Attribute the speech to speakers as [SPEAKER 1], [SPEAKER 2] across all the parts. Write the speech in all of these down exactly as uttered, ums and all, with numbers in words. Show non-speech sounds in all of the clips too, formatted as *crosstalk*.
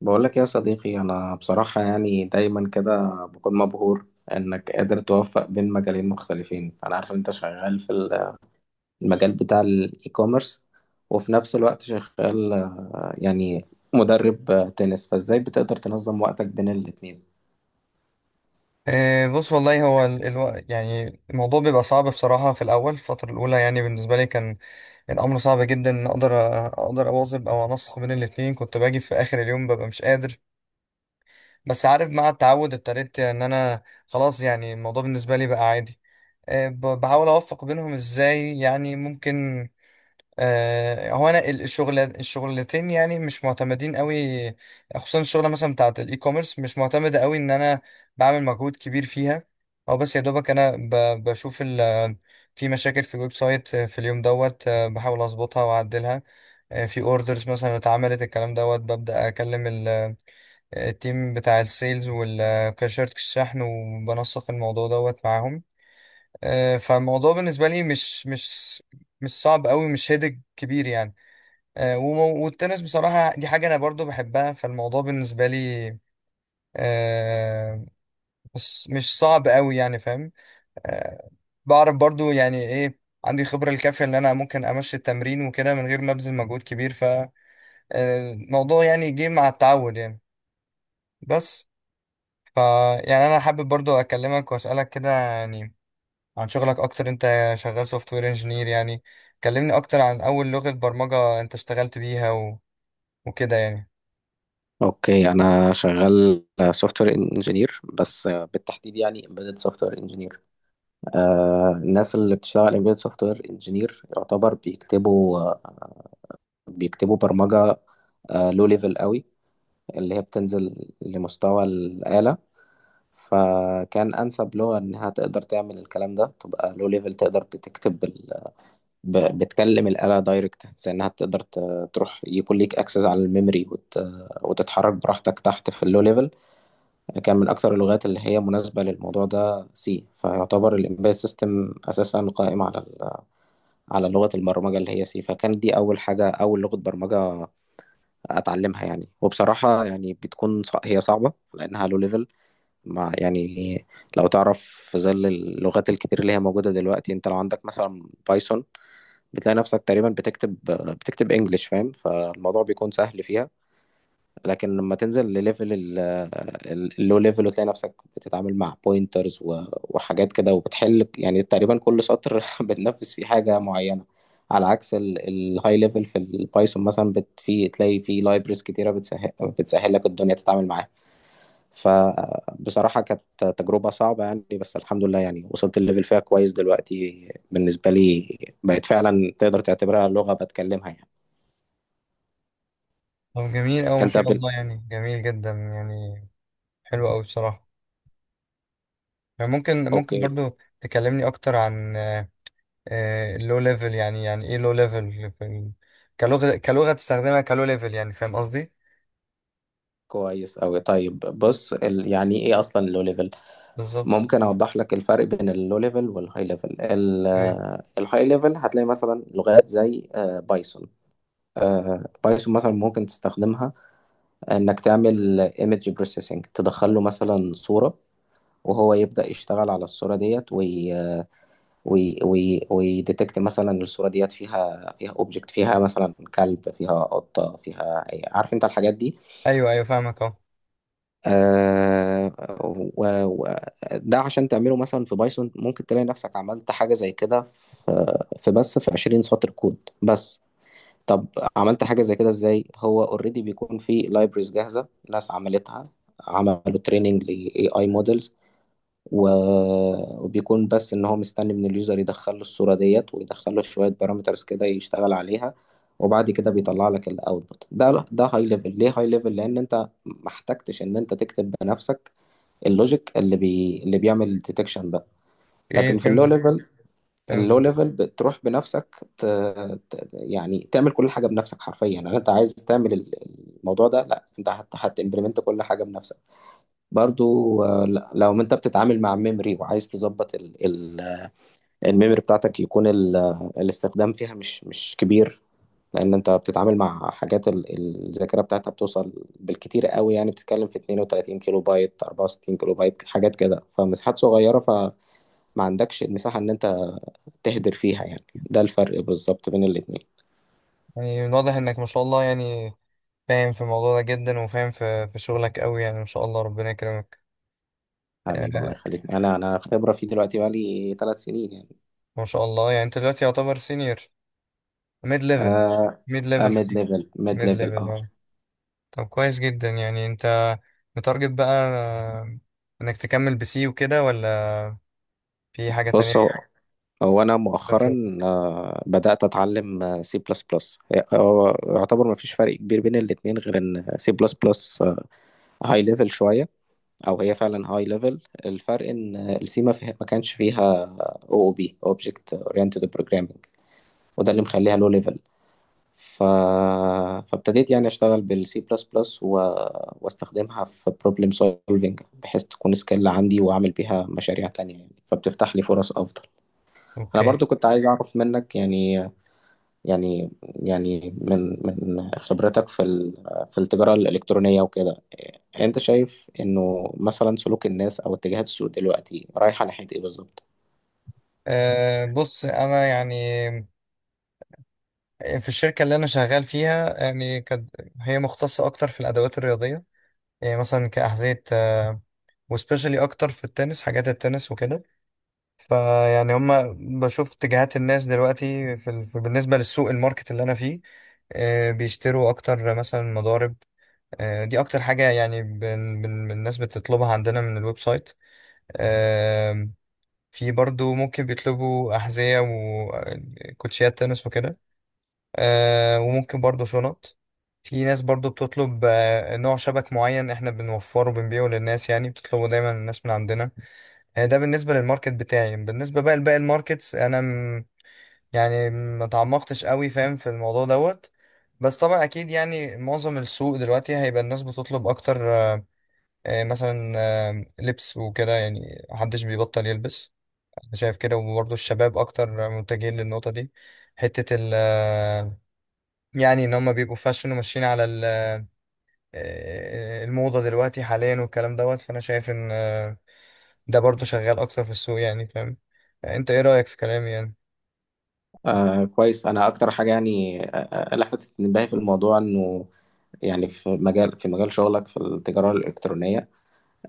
[SPEAKER 1] بقول لك يا صديقي، انا بصراحة يعني دايما كده بكون مبهور انك قادر توفق بين مجالين مختلفين. انا عارف إن انت شغال في ال- المجال بتاع الاي كوميرس، وفي نفس الوقت شغال، آه، يعني مدرب آه، تنس، فازاي بتقدر تنظم وقتك بين الاتنين؟
[SPEAKER 2] إيه، بص والله هو ال... الو... يعني الموضوع بيبقى صعب بصراحة في الأول، الفترة الأولى يعني بالنسبة لي كان الأمر صعب جدا إن أقدر أقدر أواظب أو أنسق بين الاتنين. كنت باجي في آخر اليوم ببقى مش قادر. بس عارف مع التعود ابتديت إن أنا خلاص، يعني الموضوع بالنسبة لي بقى عادي. إيه، ب... بحاول أوفق بينهم إزاي يعني ممكن. آه، هو انا ال- الشغل الشغلتين يعني مش معتمدين قوي. خصوصا الشغله مثلا بتاعه الاي كوميرس مش معتمده قوي ان انا بعمل مجهود كبير فيها. او بس يا دوبك انا ب- بشوف ال في مشاكل في الويب سايت في اليوم دوت، آه، بحاول اظبطها واعدلها. آه، في اوردرز مثلا اتعملت الكلام دوت، ببدا اكلم ال- التيم بتاع السيلز والكاشيرت الشحن، وبنسق الموضوع دوت معاهم. آه، فالموضوع بالنسبه لي مش مش مش صعب قوي، مش هيدك كبير يعني. آه، وم- والتنس بصراحة دي حاجة أنا برضو بحبها. فالموضوع بالنسبة لي آه، مش مش صعب قوي يعني، فاهم. آه، بعرف برضو يعني إيه. عندي خبرة الكافية إن أنا ممكن أمشي التمرين وكده من غير ما أبذل مجهود كبير. فالموضوع يعني جه مع التعود يعني. بس ف يعني أنا حابب برضو أكلمك وأسألك كده يعني عن شغلك أكتر. أنت شغال سوفت وير انجينير، يعني كلمني أكتر عن أول لغة برمجة أنت اشتغلت بيها و... وكده يعني.
[SPEAKER 1] اوكي، انا شغال سوفت وير انجينير، بس آه، بالتحديد يعني امبيدد سوفت وير انجينير. الناس اللي بتشتغل امبيدد سوفت وير انجينير يعتبر بيكتبوا بيكتبوا برمجة لو ليفل قوي، اللي هي بتنزل لمستوى الآلة. فكان أنسب لغة إنها تقدر تعمل الكلام ده تبقى لو ليفل، تقدر بتكتب ال... ب... بتكلم الآلة دايركت، زي إنها تقدر ت... تروح يكون ليك أكسس على الميموري، وت... وتتحرك براحتك تحت في اللو ليفل. كان من أكتر اللغات اللي هي مناسبة للموضوع ده سي، فيعتبر الإمبيد سيستم أساسا قائم على ال... على لغة البرمجة اللي هي سي، فكانت دي أول حاجة، أول لغة برمجة اتعلمها يعني. وبصراحة يعني بتكون صع- هي صعبة لانها لو ليفل، مع يعني لو تعرف في ظل اللغات الكتير اللي هي موجودة دلوقتي، انت لو عندك مثلا بايثون بتلاقي نفسك تقريبا بتكتب بتكتب انجلش، فاهم، فالموضوع بيكون سهل فيها. لكن لما تنزل لليفل ال- ال- اللو ليفل، وتلاقي نفسك بتتعامل مع بوينترز و- وحاجات كده، وبتحل يعني تقريبا كل سطر *laughs* بتنفذ فيه حاجة معينة، على عكس الهاي ليفل في البايثون مثلا بت في تلاقي في لايبرز كتيرة بتسهل بتسهل لك الدنيا تتعامل معاها. فبصراحة كانت تجربة صعبة يعني، بس الحمد لله يعني وصلت الليفل فيها كويس دلوقتي بالنسبة لي، بقت فعلا تقدر تعتبرها لغة بتكلمها يعني.
[SPEAKER 2] طب جميل أوي، ما
[SPEAKER 1] انت
[SPEAKER 2] شاء
[SPEAKER 1] بال...
[SPEAKER 2] الله، يعني جميل جدا يعني. حلو أوي بصراحة. يعني ممكن ممكن
[SPEAKER 1] اوكي.
[SPEAKER 2] برضو تكلمني أكتر عن اللو ليفل، يعني يعني إيه لو ليفل، كلغة، كلغة تستخدمها كلو ليفل، يعني فاهم قصدي؟
[SPEAKER 1] كويس أوي، طيب بص، ال... يعني ايه اصلا اللو ليفل؟
[SPEAKER 2] بالظبط.
[SPEAKER 1] ممكن اوضح لك الفرق بين اللو ليفل والهاي ليفل. ال...
[SPEAKER 2] أيوه.
[SPEAKER 1] الهاي ليفل هتلاقي مثلا لغات زي آه، بايثون. آه، بايثون مثلا ممكن تستخدمها انك تعمل ايمج بروسيسنج، تدخل له مثلا صورة وهو يبدأ يشتغل على الصورة ديت، وي... آه، وي... وي... ويديتكت مثلا الصورة ديت فيها فيها اوبجكت، فيها مثلا كلب، فيها قطة، فيها، عارف انت الحاجات دي.
[SPEAKER 2] أيوه أيوه فاهمك أهو.
[SPEAKER 1] آه و- و- ده عشان تعمله مثلا في بايثون ممكن تلاقي نفسك عملت حاجة زي كده في في بس في عشرين سطر كود بس. طب عملت حاجة زي كده ازاي؟ هو اوريدي بيكون في لايبرز جاهزة، ناس عملتها، عملوا تريننج لاي اي، و- وبيكون بس ان هو مستني من اليوزر يدخل له الصوره ديت، ويدخل له شويه بارامترز كده يشتغل عليها، وبعد كده بيطلع لك الاوتبوت ده. ده هاي ليفل. ليه هاي ليفل؟ لان انت ما احتجتش ان انت تكتب بنفسك اللوجيك اللي بي... اللي بيعمل الديتكشن ده.
[SPEAKER 2] إيه،
[SPEAKER 1] لكن في اللو
[SPEAKER 2] فهمتك
[SPEAKER 1] ليفل، اللو
[SPEAKER 2] فهمتك
[SPEAKER 1] ليفل بتروح بنفسك ت... ت... يعني تعمل كل حاجه بنفسك حرفيا، يعني انت عايز تعمل ال- الموضوع ده، لا انت هت... هتimplement كل حاجه بنفسك. برضو، آه، ل- لو انت بتتعامل مع ميموري وعايز تظبط ال- ال- الميموري بتاعتك، يكون ال- الاستخدام فيها مش مش كبير، لان انت بتتعامل مع حاجات ال- الذاكره بتاعتها بتوصل بالكتير قوي يعني، بتتكلم في اثنين وثلاثين كيلو بايت، اربعة وستين كيلو بايت، حاجات كده، فمساحات صغيره، فما عندكش المساحه ان انت تهدر فيها يعني. ده الفرق بالظبط بين الاتنين.
[SPEAKER 2] يعني من واضح إنك ما شاء الله يعني فاهم في الموضوع ده جدا، وفاهم في في شغلك أوي يعني، ما شاء الله ربنا يكرمك.
[SPEAKER 1] حبيبي الله
[SPEAKER 2] آه،
[SPEAKER 1] يخليك، انا انا خبره فيه دلوقتي بقالي ثلاث سنين يعني.
[SPEAKER 2] ما شاء الله، يعني أنت دلوقتي يعتبر سينيور، ميد ليفل.
[SPEAKER 1] آه،
[SPEAKER 2] ميد ليفل
[SPEAKER 1] ميد
[SPEAKER 2] سيك.
[SPEAKER 1] ليفل، ميد
[SPEAKER 2] ميد
[SPEAKER 1] ليفل،
[SPEAKER 2] ليفل،
[SPEAKER 1] اه mid level،
[SPEAKER 2] أه. طب كويس جدا، يعني انت متارجت بقى، آه، انك تكمل بسي وكده ولا في حاجة
[SPEAKER 1] آه. بص، هو
[SPEAKER 2] تانية؟
[SPEAKER 1] هو انا
[SPEAKER 2] طب شو.
[SPEAKER 1] مؤخرا آه، بدات اتعلم سي بلس بلس. هو يعتبر ما فيش فرق كبير بين الاتنين، غير ان سي بلس بلس هاي ليفل شويه، او هي فعلا هاي ليفل. الفرق ان السي ما فيها ما كانش فيها او او بي اوبجكت اورينتد بروجرامنج، وده اللي مخليها لو ليفل. ف... فابتديت يعني اشتغل بالسي بلس بلس، و... واستخدمها في بروبلم سولفنج بحيث تكون سكيل عندي واعمل بيها مشاريع تانية يعني، فبتفتح لي فرص افضل. انا
[SPEAKER 2] اوكي.
[SPEAKER 1] برضو كنت عايز اعرف منك، يعني يعني يعني من من خبرتك في ال- في التجارة الإلكترونية وكده، أنت شايف إنه مثلا سلوك الناس أو اتجاهات السوق دلوقتي رايحة ناحية إيه بالظبط؟
[SPEAKER 2] أه بص انا يعني في الشركة اللي انا شغال فيها، يعني كانت هي مختصة اكتر في الادوات الرياضية. يعني مثلا كأحذية، وسبيشالي اكتر في التنس، حاجات التنس وكده. فيعني هما بشوف اتجاهات الناس دلوقتي في ال- بالنسبة للسوق، الماركت اللي انا فيه. آه، بيشتروا اكتر مثلا مضارب. آه، دي اكتر حاجة يعني بن بن الناس بتطلبها عندنا من الويب سايت. آم، في برضو ممكن بيطلبوا أحذية وكوتشيات تنس وكده. آه، وممكن برضو شنط. في ناس برضو بتطلب، آه، نوع شبك معين احنا بنوفره وبنبيعه للناس، يعني بتطلبه دايما الناس من عندنا. آه، ده بالنسبة للماركت بتاعي. بالنسبة بقى لباقي الماركتس، انا م- يعني ما تعمقتش قوي فاهم في الموضوع دوت. بس طبعا اكيد يعني معظم السوق دلوقتي هيبقى الناس بتطلب اكتر، آه، آه، مثلا آه، لبس وكده، يعني محدش بيبطل يلبس. انا شايف كده. وبرضه الشباب اكتر متجهين للنقطة دي، حتة ال آه، يعني ان هم بيبقوا فاشن وماشيين على ال- آه، الموضة دلوقتي حاليا والكلام دوت. فانا شايف ان آه، ده برضه شغال اكتر في السوق، يعني فاهم، انت ايه رأيك في كلامي يعني؟
[SPEAKER 1] آه كويس. أنا أكتر حاجة يعني آه، آه، آه، لفتت انتباهي في الموضوع إنه، يعني في مجال في مجال شغلك في التجارة الإلكترونية،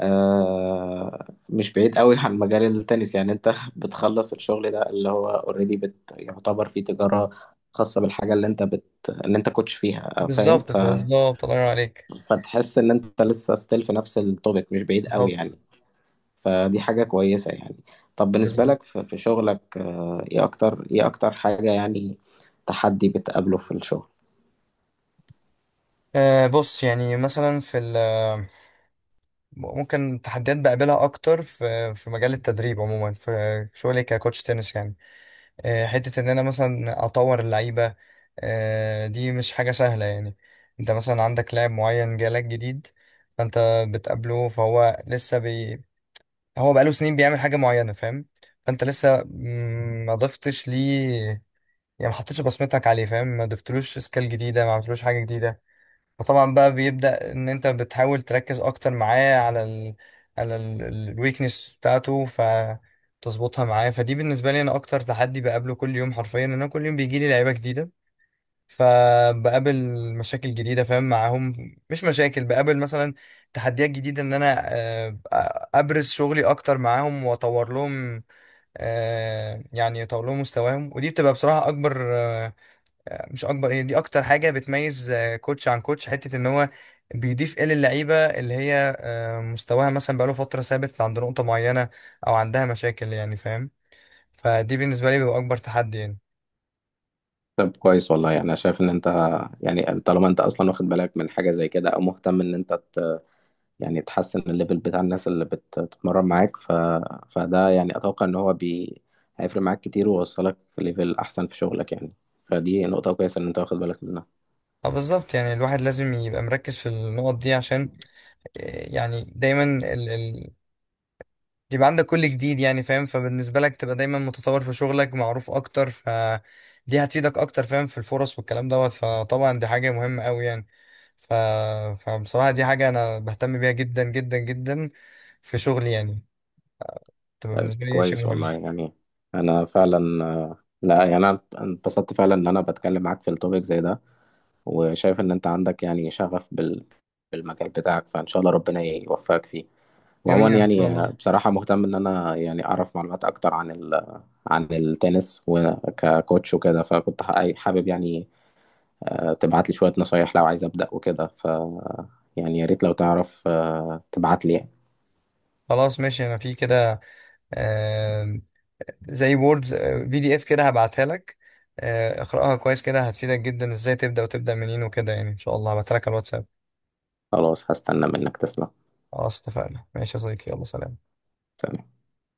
[SPEAKER 1] آه مش بعيد قوي عن مجال التنس، يعني أنت *laughs* بتخلص الشغل ده اللي هو أوريدي بت يعتبر فيه تجارة خاصة بالحاجة اللي أنت بت اللي أنت كوتش فيها، آه، فاهم،
[SPEAKER 2] بالظبط
[SPEAKER 1] ف
[SPEAKER 2] بالظبط الله ينور عليك.
[SPEAKER 1] فتحس ان انت لسه ستيل في نفس التوبيك، مش بعيد قوي
[SPEAKER 2] بالظبط
[SPEAKER 1] يعني، فدي حاجة كويسة يعني. طب بالنسبة
[SPEAKER 2] بالظبط
[SPEAKER 1] لك في في شغلك، آه، ايه اكتر ايه اكتر حاجة يعني تحدي بتقابله في الشغل؟
[SPEAKER 2] آه بص يعني مثلا في ال آه، ممكن تحديات بقابلها اكتر في في مجال التدريب عموما، في شغلي ككوتش تنس يعني. آه، حته ان انا مثلا اطور اللعيبه، آه، دي مش حاجه سهله يعني. انت مثلا عندك لاعب معين جالك جديد، فانت بتقابله فهو لسه بي، هو بقاله سنين بيعمل حاجه معينه، فاهم. فانت لسه مم، ما ضفتش ليه، يعني ما حطيتش بصمتك عليه، فاهم، ما ضفتلوش سكيل جديده، ما عملتلوش حاجه جديده. فطبعا بقى بيبدأ ان انت بتحاول تركز اكتر معاه على ال، على الويكنس بتاعته فتظبطها معاه. فدي بالنسبه لي انا اكتر تحدي بقابله كل يوم حرفيا، ان انا كل يوم بيجي لي لعيبه جديده فبقابل مشاكل جديده، فاهم، معاهم. مش مشاكل، بقابل مثلا تحديات جديده ان انا آه، ابرز شغلي اكتر معاهم واطور لهم، آه، يعني اطور لهم مستواهم. ودي بتبقى بصراحه اكبر، مش اكبر، هي دي اكتر حاجه بتميز آه، كوتش عن كوتش، حته ان هو بيضيف ايه للعيبه اللي هي آه، مستواها مثلا بقاله فتره ثابت عند نقطه معينه، او عندها مشاكل يعني، فاهم. فدي بالنسبه لي بيبقى اكبر تحدي يعني.
[SPEAKER 1] طب كويس والله يعني. انا شايف ان انت يعني طالما انت اصلا واخد بالك من حاجه زي كده، او مهتم ان انت ت... يعني تحسن الليفل بتاع الناس اللي بت- بتتمرن معاك، ف... فده يعني اتوقع ان هو بي... هيفرق معاك كتير ويوصلك ليفل احسن في شغلك يعني، فدي نقطه كويسه ان انت واخد بالك منها.
[SPEAKER 2] اه بالظبط، يعني الواحد لازم يبقى مركز في النقط دي عشان آه، يعني دايما يبقى عندك كل جديد، يعني فاهم، فبالنسبة لك تبقى دايما متطور في شغلك، معروف اكتر، فدي هتفيدك اكتر، فاهم، في الفرص والكلام دوت. فطبعا دي حاجة مهمة قوي يعني. ف، فبصراحة دي حاجة انا بهتم بيها جدا جدا جدا في شغلي يعني، تبقى
[SPEAKER 1] طيب
[SPEAKER 2] بالنسبة لي شيء
[SPEAKER 1] كويس
[SPEAKER 2] مهم.
[SPEAKER 1] والله يعني. انا فعلا آه، لا يعني انا انبسطت فعلا ان انا بتكلم معاك في التوبيك زي ده، وشايف ان انت عندك يعني شغف بال... بالمجال بتاعك، فان شاء الله ربنا يوفقك فيه.
[SPEAKER 2] جميل،
[SPEAKER 1] وعموما
[SPEAKER 2] ان
[SPEAKER 1] يعني،
[SPEAKER 2] شاء
[SPEAKER 1] آه،
[SPEAKER 2] الله.
[SPEAKER 1] بصراحة مهتم ان انا يعني اعرف معلومات اكتر عن ال... عن التنس وككوتش وكده، فكنت ح- حابب يعني آه، تبعت لي شوية نصايح لو عايز ابدأ وكده، ف يعني يا ريت لو تعرف آه، تبعت لي.
[SPEAKER 2] خلاص ماشي، انا في كده آه، زي وورد بي دي إف كده هبعتها لك. آه اقرأها كويس كده هتفيدك جدا، ازاي تبدأ وتبدأ منين وكده يعني. ان شاء الله هبعتها لك على الواتساب.
[SPEAKER 1] خلاص، هستنى منك، تسلم.
[SPEAKER 2] خلاص اتفقنا، ماشي يا صديقي، يلا سلام.
[SPEAKER 1] سلام.